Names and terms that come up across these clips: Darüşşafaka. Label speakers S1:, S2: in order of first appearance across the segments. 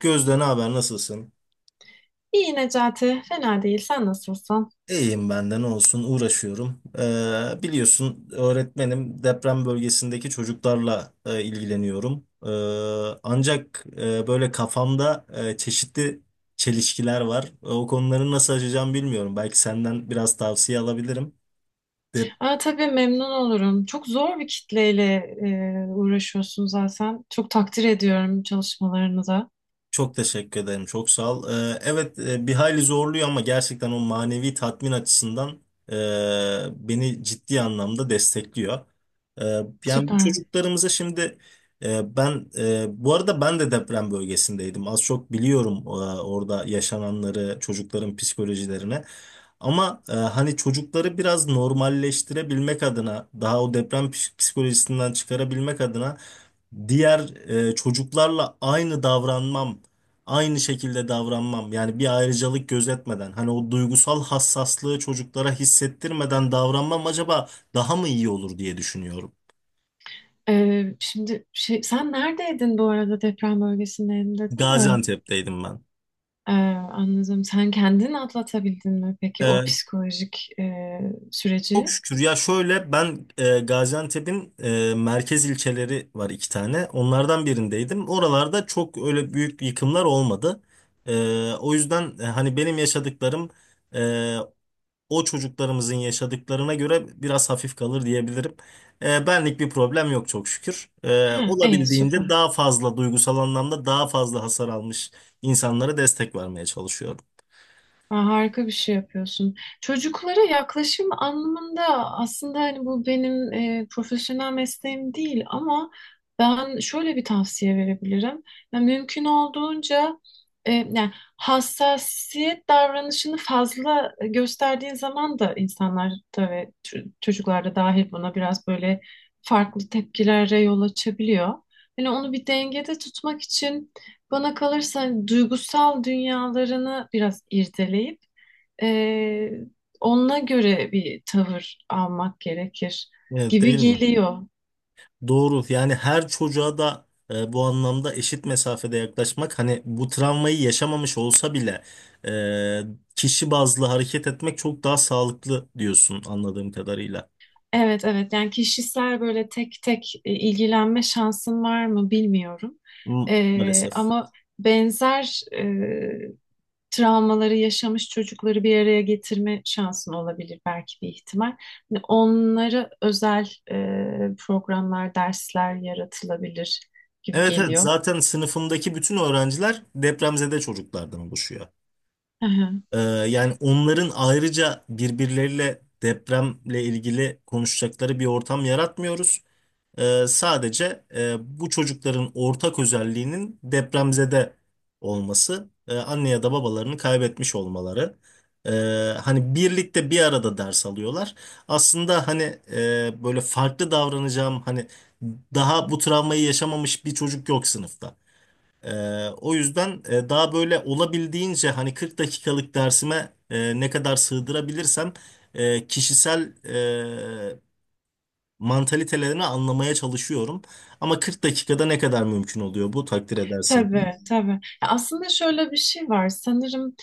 S1: Gözde ne haber nasılsın?
S2: İyi Necati, fena değil. Sen nasılsın?
S1: İyiyim ben de ne olsun uğraşıyorum. Biliyorsun öğretmenim deprem bölgesindeki çocuklarla ilgileniyorum. Ancak böyle kafamda çeşitli çelişkiler var. O konuları nasıl aşacağım bilmiyorum. Belki senden biraz tavsiye alabilirim.
S2: Aa, tabii memnun olurum. Çok zor bir kitleyle uğraşıyorsun zaten. Çok takdir ediyorum çalışmalarını da.
S1: Çok teşekkür ederim. Çok sağ ol. Evet bir hayli zorluyor ama gerçekten o manevi tatmin açısından beni ciddi anlamda destekliyor. E, Yani bu
S2: Süper.
S1: çocuklarımıza şimdi bu arada ben de deprem bölgesindeydim. Az çok biliyorum orada yaşananları, çocukların psikolojilerine. Ama hani çocukları biraz normalleştirebilmek adına, daha o deprem psikolojisinden çıkarabilmek adına diğer çocuklarla aynı şekilde davranmam. Yani bir ayrıcalık gözetmeden, hani o duygusal hassaslığı çocuklara hissettirmeden davranmam acaba daha mı iyi olur diye düşünüyorum.
S2: Şimdi sen neredeydin bu arada deprem bölgesindeyim dedin de.
S1: Gaziantep'teydim ben.
S2: Ee, Anladım. Sen kendin atlatabildin mi peki o
S1: Ee,
S2: psikolojik
S1: Çok
S2: süreci?
S1: şükür ya şöyle ben, Gaziantep'in merkez ilçeleri var iki tane. Onlardan birindeydim. Oralarda çok öyle büyük yıkımlar olmadı. O yüzden hani benim yaşadıklarım e, o çocuklarımızın yaşadıklarına göre biraz hafif kalır diyebilirim. Benlik bir problem yok çok şükür.
S2: Ha, iyi
S1: Olabildiğince
S2: süper.
S1: daha fazla duygusal anlamda daha fazla hasar almış insanlara destek vermeye çalışıyorum.
S2: Ha, harika bir şey yapıyorsun. Çocuklara yaklaşım anlamında aslında hani bu benim profesyonel mesleğim değil ama ben şöyle bir tavsiye verebilirim. Yani mümkün olduğunca yani hassasiyet davranışını fazla gösterdiğin zaman da insanlar da ve çocuklar da dahil buna biraz böyle farklı tepkilere yol açabiliyor. Yani onu bir dengede tutmak için bana kalırsa hani, duygusal dünyalarını biraz irdeleyip eee onunla göre bir tavır almak gerekir
S1: Evet,
S2: gibi
S1: değil mi?
S2: geliyor.
S1: Doğru. Yani her çocuğa da bu anlamda eşit mesafede yaklaşmak, hani bu travmayı yaşamamış olsa bile, e, kişi bazlı hareket etmek çok daha sağlıklı diyorsun anladığım kadarıyla.
S2: Evet evet, yani kişisel böyle tek tek ilgilenme şansım var mı bilmiyorum.
S1: Maalesef.
S2: Ama benzer travmaları yaşamış çocukları bir araya getirme şansın olabilir belki bir ihtimal. Hani onları özel programlar, dersler yaratılabilir gibi
S1: Evet, evet,
S2: geliyor.
S1: zaten sınıfımdaki bütün öğrenciler depremzede çocuklardan oluşuyor. Yani onların ayrıca birbirleriyle depremle ilgili konuşacakları bir ortam yaratmıyoruz. Sadece bu çocukların ortak özelliğinin depremzede olması, anne ya da babalarını kaybetmiş olmaları. Ee, Hani birlikte bir arada ders alıyorlar. Aslında hani böyle farklı davranacağım, hani daha bu travmayı yaşamamış bir çocuk yok sınıfta. O yüzden daha böyle olabildiğince hani 40 dakikalık dersime ne kadar sığdırabilirsem kişisel e, mantalitelerini anlamaya çalışıyorum. Ama 40 dakikada ne kadar mümkün oluyor bu takdir edersin ki.
S2: Tabii, tabii. Ya aslında şöyle bir şey var. Sanırım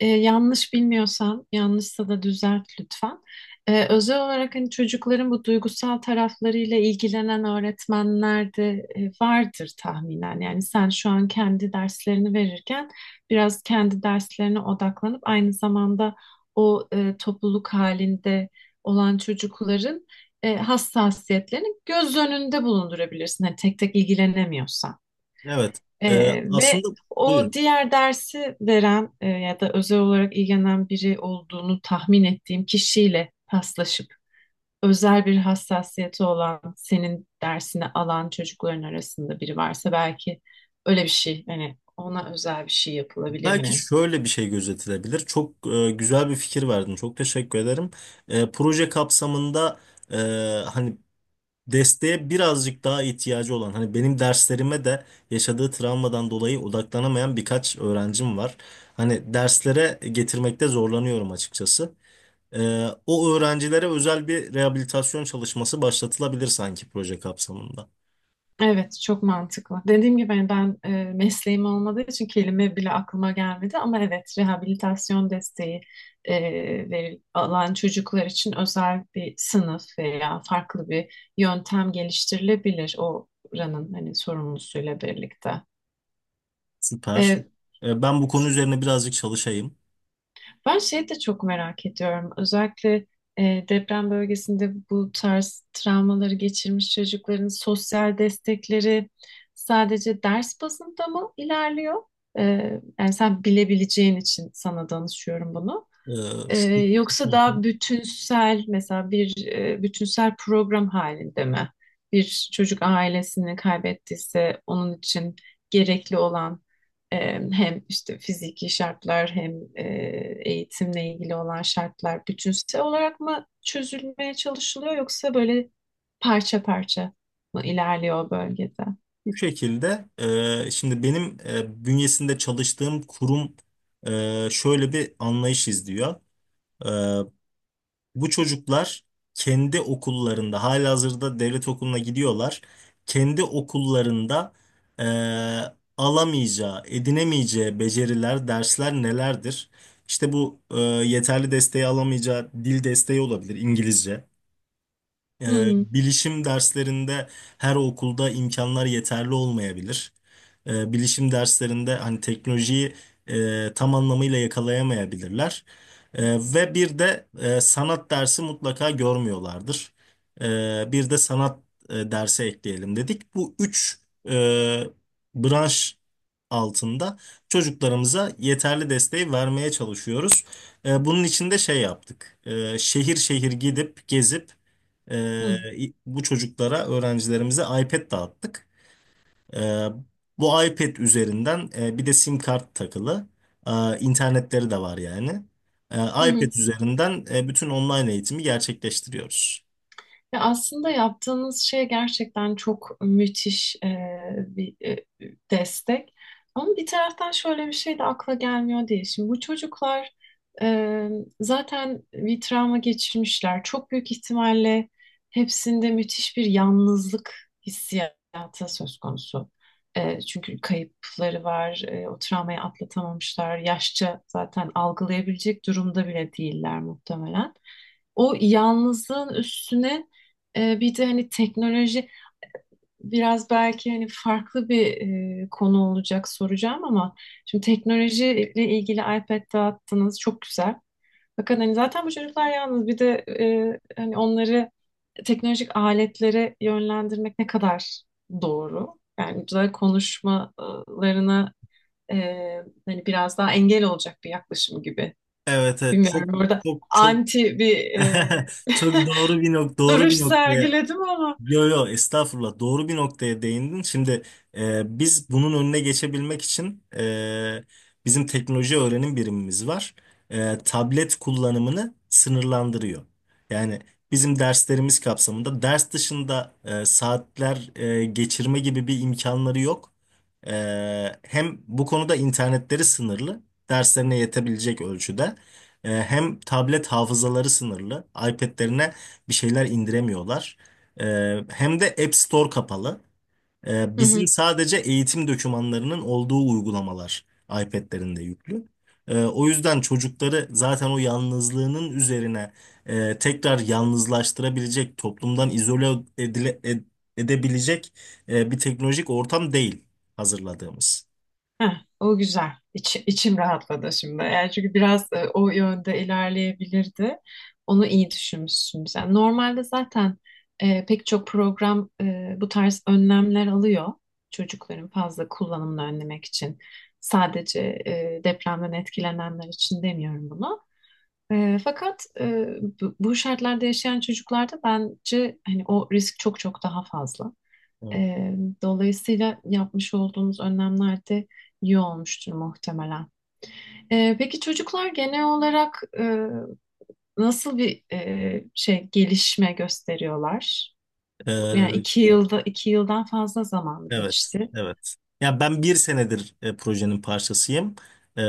S2: yanlış bilmiyorsam, yanlışsa da düzelt lütfen. Özel olarak hani çocukların bu duygusal taraflarıyla ilgilenen öğretmenler de vardır tahminen. Yani sen şu an kendi derslerini verirken biraz kendi derslerine odaklanıp aynı zamanda o topluluk halinde olan çocukların hassasiyetlerini göz önünde bulundurabilirsin. Hani tek tek ilgilenemiyorsan.
S1: Evet. E,
S2: Ve
S1: Aslında
S2: o
S1: buyurun.
S2: diğer dersi veren ya da özel olarak ilgilenen biri olduğunu tahmin ettiğim kişiyle paslaşıp özel bir hassasiyeti olan senin dersini alan çocukların arasında biri varsa belki öyle bir şey hani ona özel bir şey yapılabilir
S1: Belki
S2: mi?
S1: şöyle bir şey gözetilebilir. Çok güzel bir fikir verdin. Çok teşekkür ederim. Proje kapsamında e, hani desteğe birazcık daha ihtiyacı olan, hani benim derslerime de yaşadığı travmadan dolayı odaklanamayan birkaç öğrencim var. Hani derslere getirmekte zorlanıyorum açıkçası. O öğrencilere özel bir rehabilitasyon çalışması başlatılabilir sanki proje kapsamında.
S2: Evet, çok mantıklı. Dediğim gibi hani ben mesleğim olmadığı için kelime bile aklıma gelmedi ama evet rehabilitasyon desteği e, alan çocuklar için özel bir sınıf veya farklı bir yöntem geliştirilebilir oranın hani sorumlusuyla birlikte.
S1: Süper.
S2: E,
S1: Ben bu konu üzerine birazcık çalışayım.
S2: Ben şeyi de çok merak ediyorum. Özellikle deprem bölgesinde bu tarz travmaları geçirmiş çocukların sosyal destekleri sadece ders bazında mı ilerliyor? E, Yani sen bilebileceğin için sana danışıyorum bunu.
S1: Ee,
S2: Ee,
S1: şu, Hı
S2: Yoksa
S1: hı.
S2: daha bütünsel mesela bir bütünsel program halinde mi? Bir çocuk ailesini kaybettiyse onun için gerekli olan e, hem işte fiziki şartlar hem eğitimle ilgili olan şartlar bütünsel olarak mı çözülmeye çalışılıyor yoksa böyle parça parça? Bu ilerliyor o bölgede.
S1: Bu şekilde şimdi benim bünyesinde çalıştığım kurum şöyle bir anlayış izliyor. Ee, Bu çocuklar kendi okullarında halihazırda devlet okuluna gidiyorlar. Kendi okullarında alamayacağı, edinemeyeceği beceriler, dersler nelerdir? İşte bu, yeterli desteği alamayacağı dil desteği olabilir, İngilizce.
S2: Hı hı.
S1: Bilişim derslerinde her okulda imkanlar yeterli olmayabilir. Bilişim derslerinde hani teknolojiyi tam anlamıyla yakalayamayabilirler. Ve bir de sanat dersi mutlaka görmüyorlardır. Bir de sanat dersi ekleyelim dedik. Bu üç e, branş altında çocuklarımıza yeterli desteği vermeye çalışıyoruz. Bunun için de şey yaptık. Şehir şehir gidip gezip ee,
S2: Hı
S1: bu çocuklara, öğrencilerimize iPad dağıttık. Ee, Bu iPad üzerinden bir de SIM kart takılı. İnternetleri de var yani.
S2: hı.
S1: iPad
S2: Hı.
S1: üzerinden bütün online eğitimi gerçekleştiriyoruz.
S2: Ya aslında yaptığınız şey gerçekten çok müthiş bir destek. Ama bir taraftan şöyle bir şey de akla gelmiyor değil. Şimdi bu çocuklar e, zaten bir travma geçirmişler. Çok büyük ihtimalle hepsinde müthiş bir yalnızlık hissiyatı söz konusu. E, çünkü kayıpları var, o travmayı atlatamamışlar. Yaşça zaten algılayabilecek durumda bile değiller muhtemelen. O yalnızlığın üstüne bir de hani teknoloji biraz belki hani farklı bir konu olacak soracağım ama şimdi teknolojiyle ilgili iPad dağıttınız çok güzel. Fakat hani zaten bu çocuklar yalnız bir de hani onları teknolojik aletlere yönlendirmek ne kadar doğru? Yani güzel konuşmalarına e, hani biraz daha engel olacak bir yaklaşım gibi.
S1: Evet, evet, çok
S2: Bilmiyorum burada
S1: çok çok
S2: anti bir
S1: çok doğru bir doğru
S2: duruş
S1: bir noktaya.
S2: sergiledim ama.
S1: Yo yo, estağfurullah, doğru bir noktaya değindin. Şimdi biz bunun önüne geçebilmek için, bizim teknoloji öğrenim birimimiz var. Tablet kullanımını sınırlandırıyor. Yani bizim derslerimiz kapsamında ders dışında saatler geçirme gibi bir imkanları yok. E, Hem bu konuda internetleri sınırlı, derslerine yetebilecek ölçüde. Hem tablet hafızaları sınırlı. iPad'lerine bir şeyler indiremiyorlar. Hem de App Store kapalı. Bizim sadece eğitim dokümanlarının olduğu uygulamalar iPad'lerinde yüklü. O yüzden çocukları zaten o yalnızlığının üzerine tekrar yalnızlaştırabilecek, toplumdan izole edile- ed- edebilecek bir teknolojik ortam değil hazırladığımız.
S2: Heh, o güzel. İçim rahatladı şimdi. Yani çünkü biraz o yönde ilerleyebilirdi. Onu iyi düşünmüşsün sen. Normalde zaten pek çok program bu tarz önlemler alıyor. Çocukların fazla kullanımını önlemek için. Sadece depremden etkilenenler için demiyorum bunu. Fakat bu şartlarda yaşayan çocuklarda bence hani o risk çok çok daha fazla. Ee, Dolayısıyla yapmış olduğumuz önlemler de iyi olmuştur muhtemelen. Peki çocuklar genel olarak nasıl bir şey gelişme gösteriyorlar? Yani
S1: Evet.
S2: 2 yılda, 2 yıldan fazla zaman
S1: Evet,
S2: geçti.
S1: evet. Ya ben bir senedir projenin parçasıyım. E,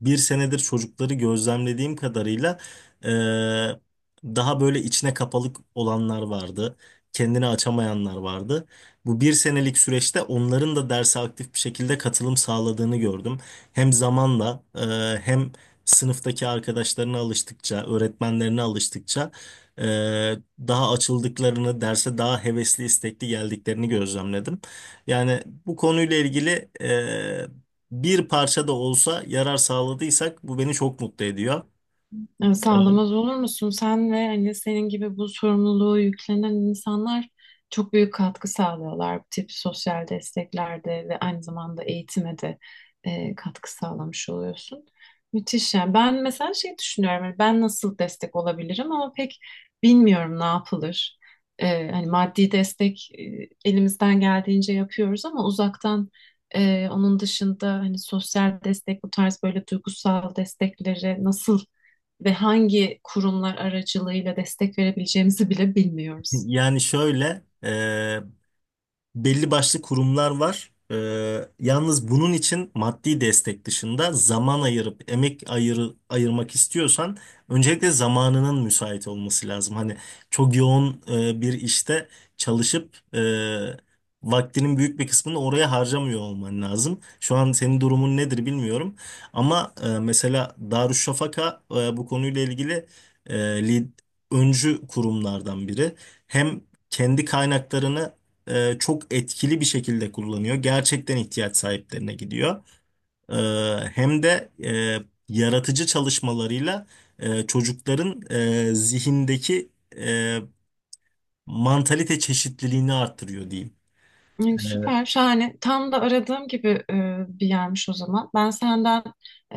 S1: Bir senedir çocukları gözlemlediğim kadarıyla, e, daha böyle içine kapalık olanlar vardı. Kendini açamayanlar vardı. Bu bir senelik süreçte onların da derse aktif bir şekilde katılım sağladığını gördüm. Hem zamanla, hem sınıftaki arkadaşlarına alıştıkça, öğretmenlerine alıştıkça, e, daha açıldıklarını, derse daha hevesli, istekli geldiklerini gözlemledim. Yani bu konuyla ilgili bir parça da olsa yarar sağladıysak bu beni çok mutlu ediyor.
S2: Ya
S1: E,
S2: sağlamaz olur musun? Sen ve hani senin gibi bu sorumluluğu yüklenen insanlar çok büyük katkı sağlıyorlar. Bu tip sosyal desteklerde ve aynı zamanda eğitime de katkı sağlamış oluyorsun. Müthiş yani. Ben mesela şey düşünüyorum. Hani ben nasıl destek olabilirim ama pek bilmiyorum ne yapılır. Hani maddi destek elimizden geldiğince yapıyoruz ama uzaktan onun dışında hani sosyal destek bu tarz böyle duygusal destekleri nasıl ve hangi kurumlar aracılığıyla destek verebileceğimizi bile bilmiyoruz.
S1: Yani şöyle, belli başlı kurumlar var. Yalnız bunun için maddi destek dışında zaman ayırıp emek ayırmak istiyorsan öncelikle zamanının müsait olması lazım. Hani çok yoğun bir işte çalışıp vaktinin büyük bir kısmını oraya harcamıyor olman lazım. Şu an senin durumun nedir bilmiyorum. Ama mesela Darüşşafaka bu konuyla ilgili e, lid- öncü kurumlardan biri. Hem kendi kaynaklarını çok etkili bir şekilde kullanıyor. Gerçekten ihtiyaç sahiplerine gidiyor. E, Hem de yaratıcı çalışmalarıyla çocukların zihindeki e, mantalite çeşitliliğini arttırıyor diyeyim.
S2: Yani
S1: E,
S2: süper, şahane. Tam da aradığım gibi bir yermiş o zaman. Ben senden e,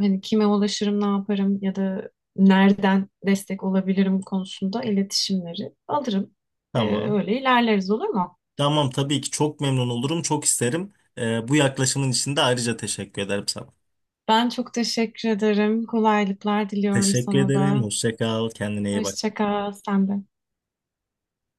S2: hani kime ulaşırım, ne yaparım ya da nereden destek olabilirim konusunda iletişimleri alırım.
S1: tamam.
S2: Öyle ilerleriz olur mu?
S1: Tamam, tabii ki, çok memnun olurum, çok isterim. Bu yaklaşımın için de ayrıca teşekkür ederim sana.
S2: Ben çok teşekkür ederim. Kolaylıklar diliyorum
S1: Teşekkür
S2: sana
S1: ederim.
S2: da.
S1: Hoşça kal. Kendine iyi bak.
S2: Hoşça kal, sen de.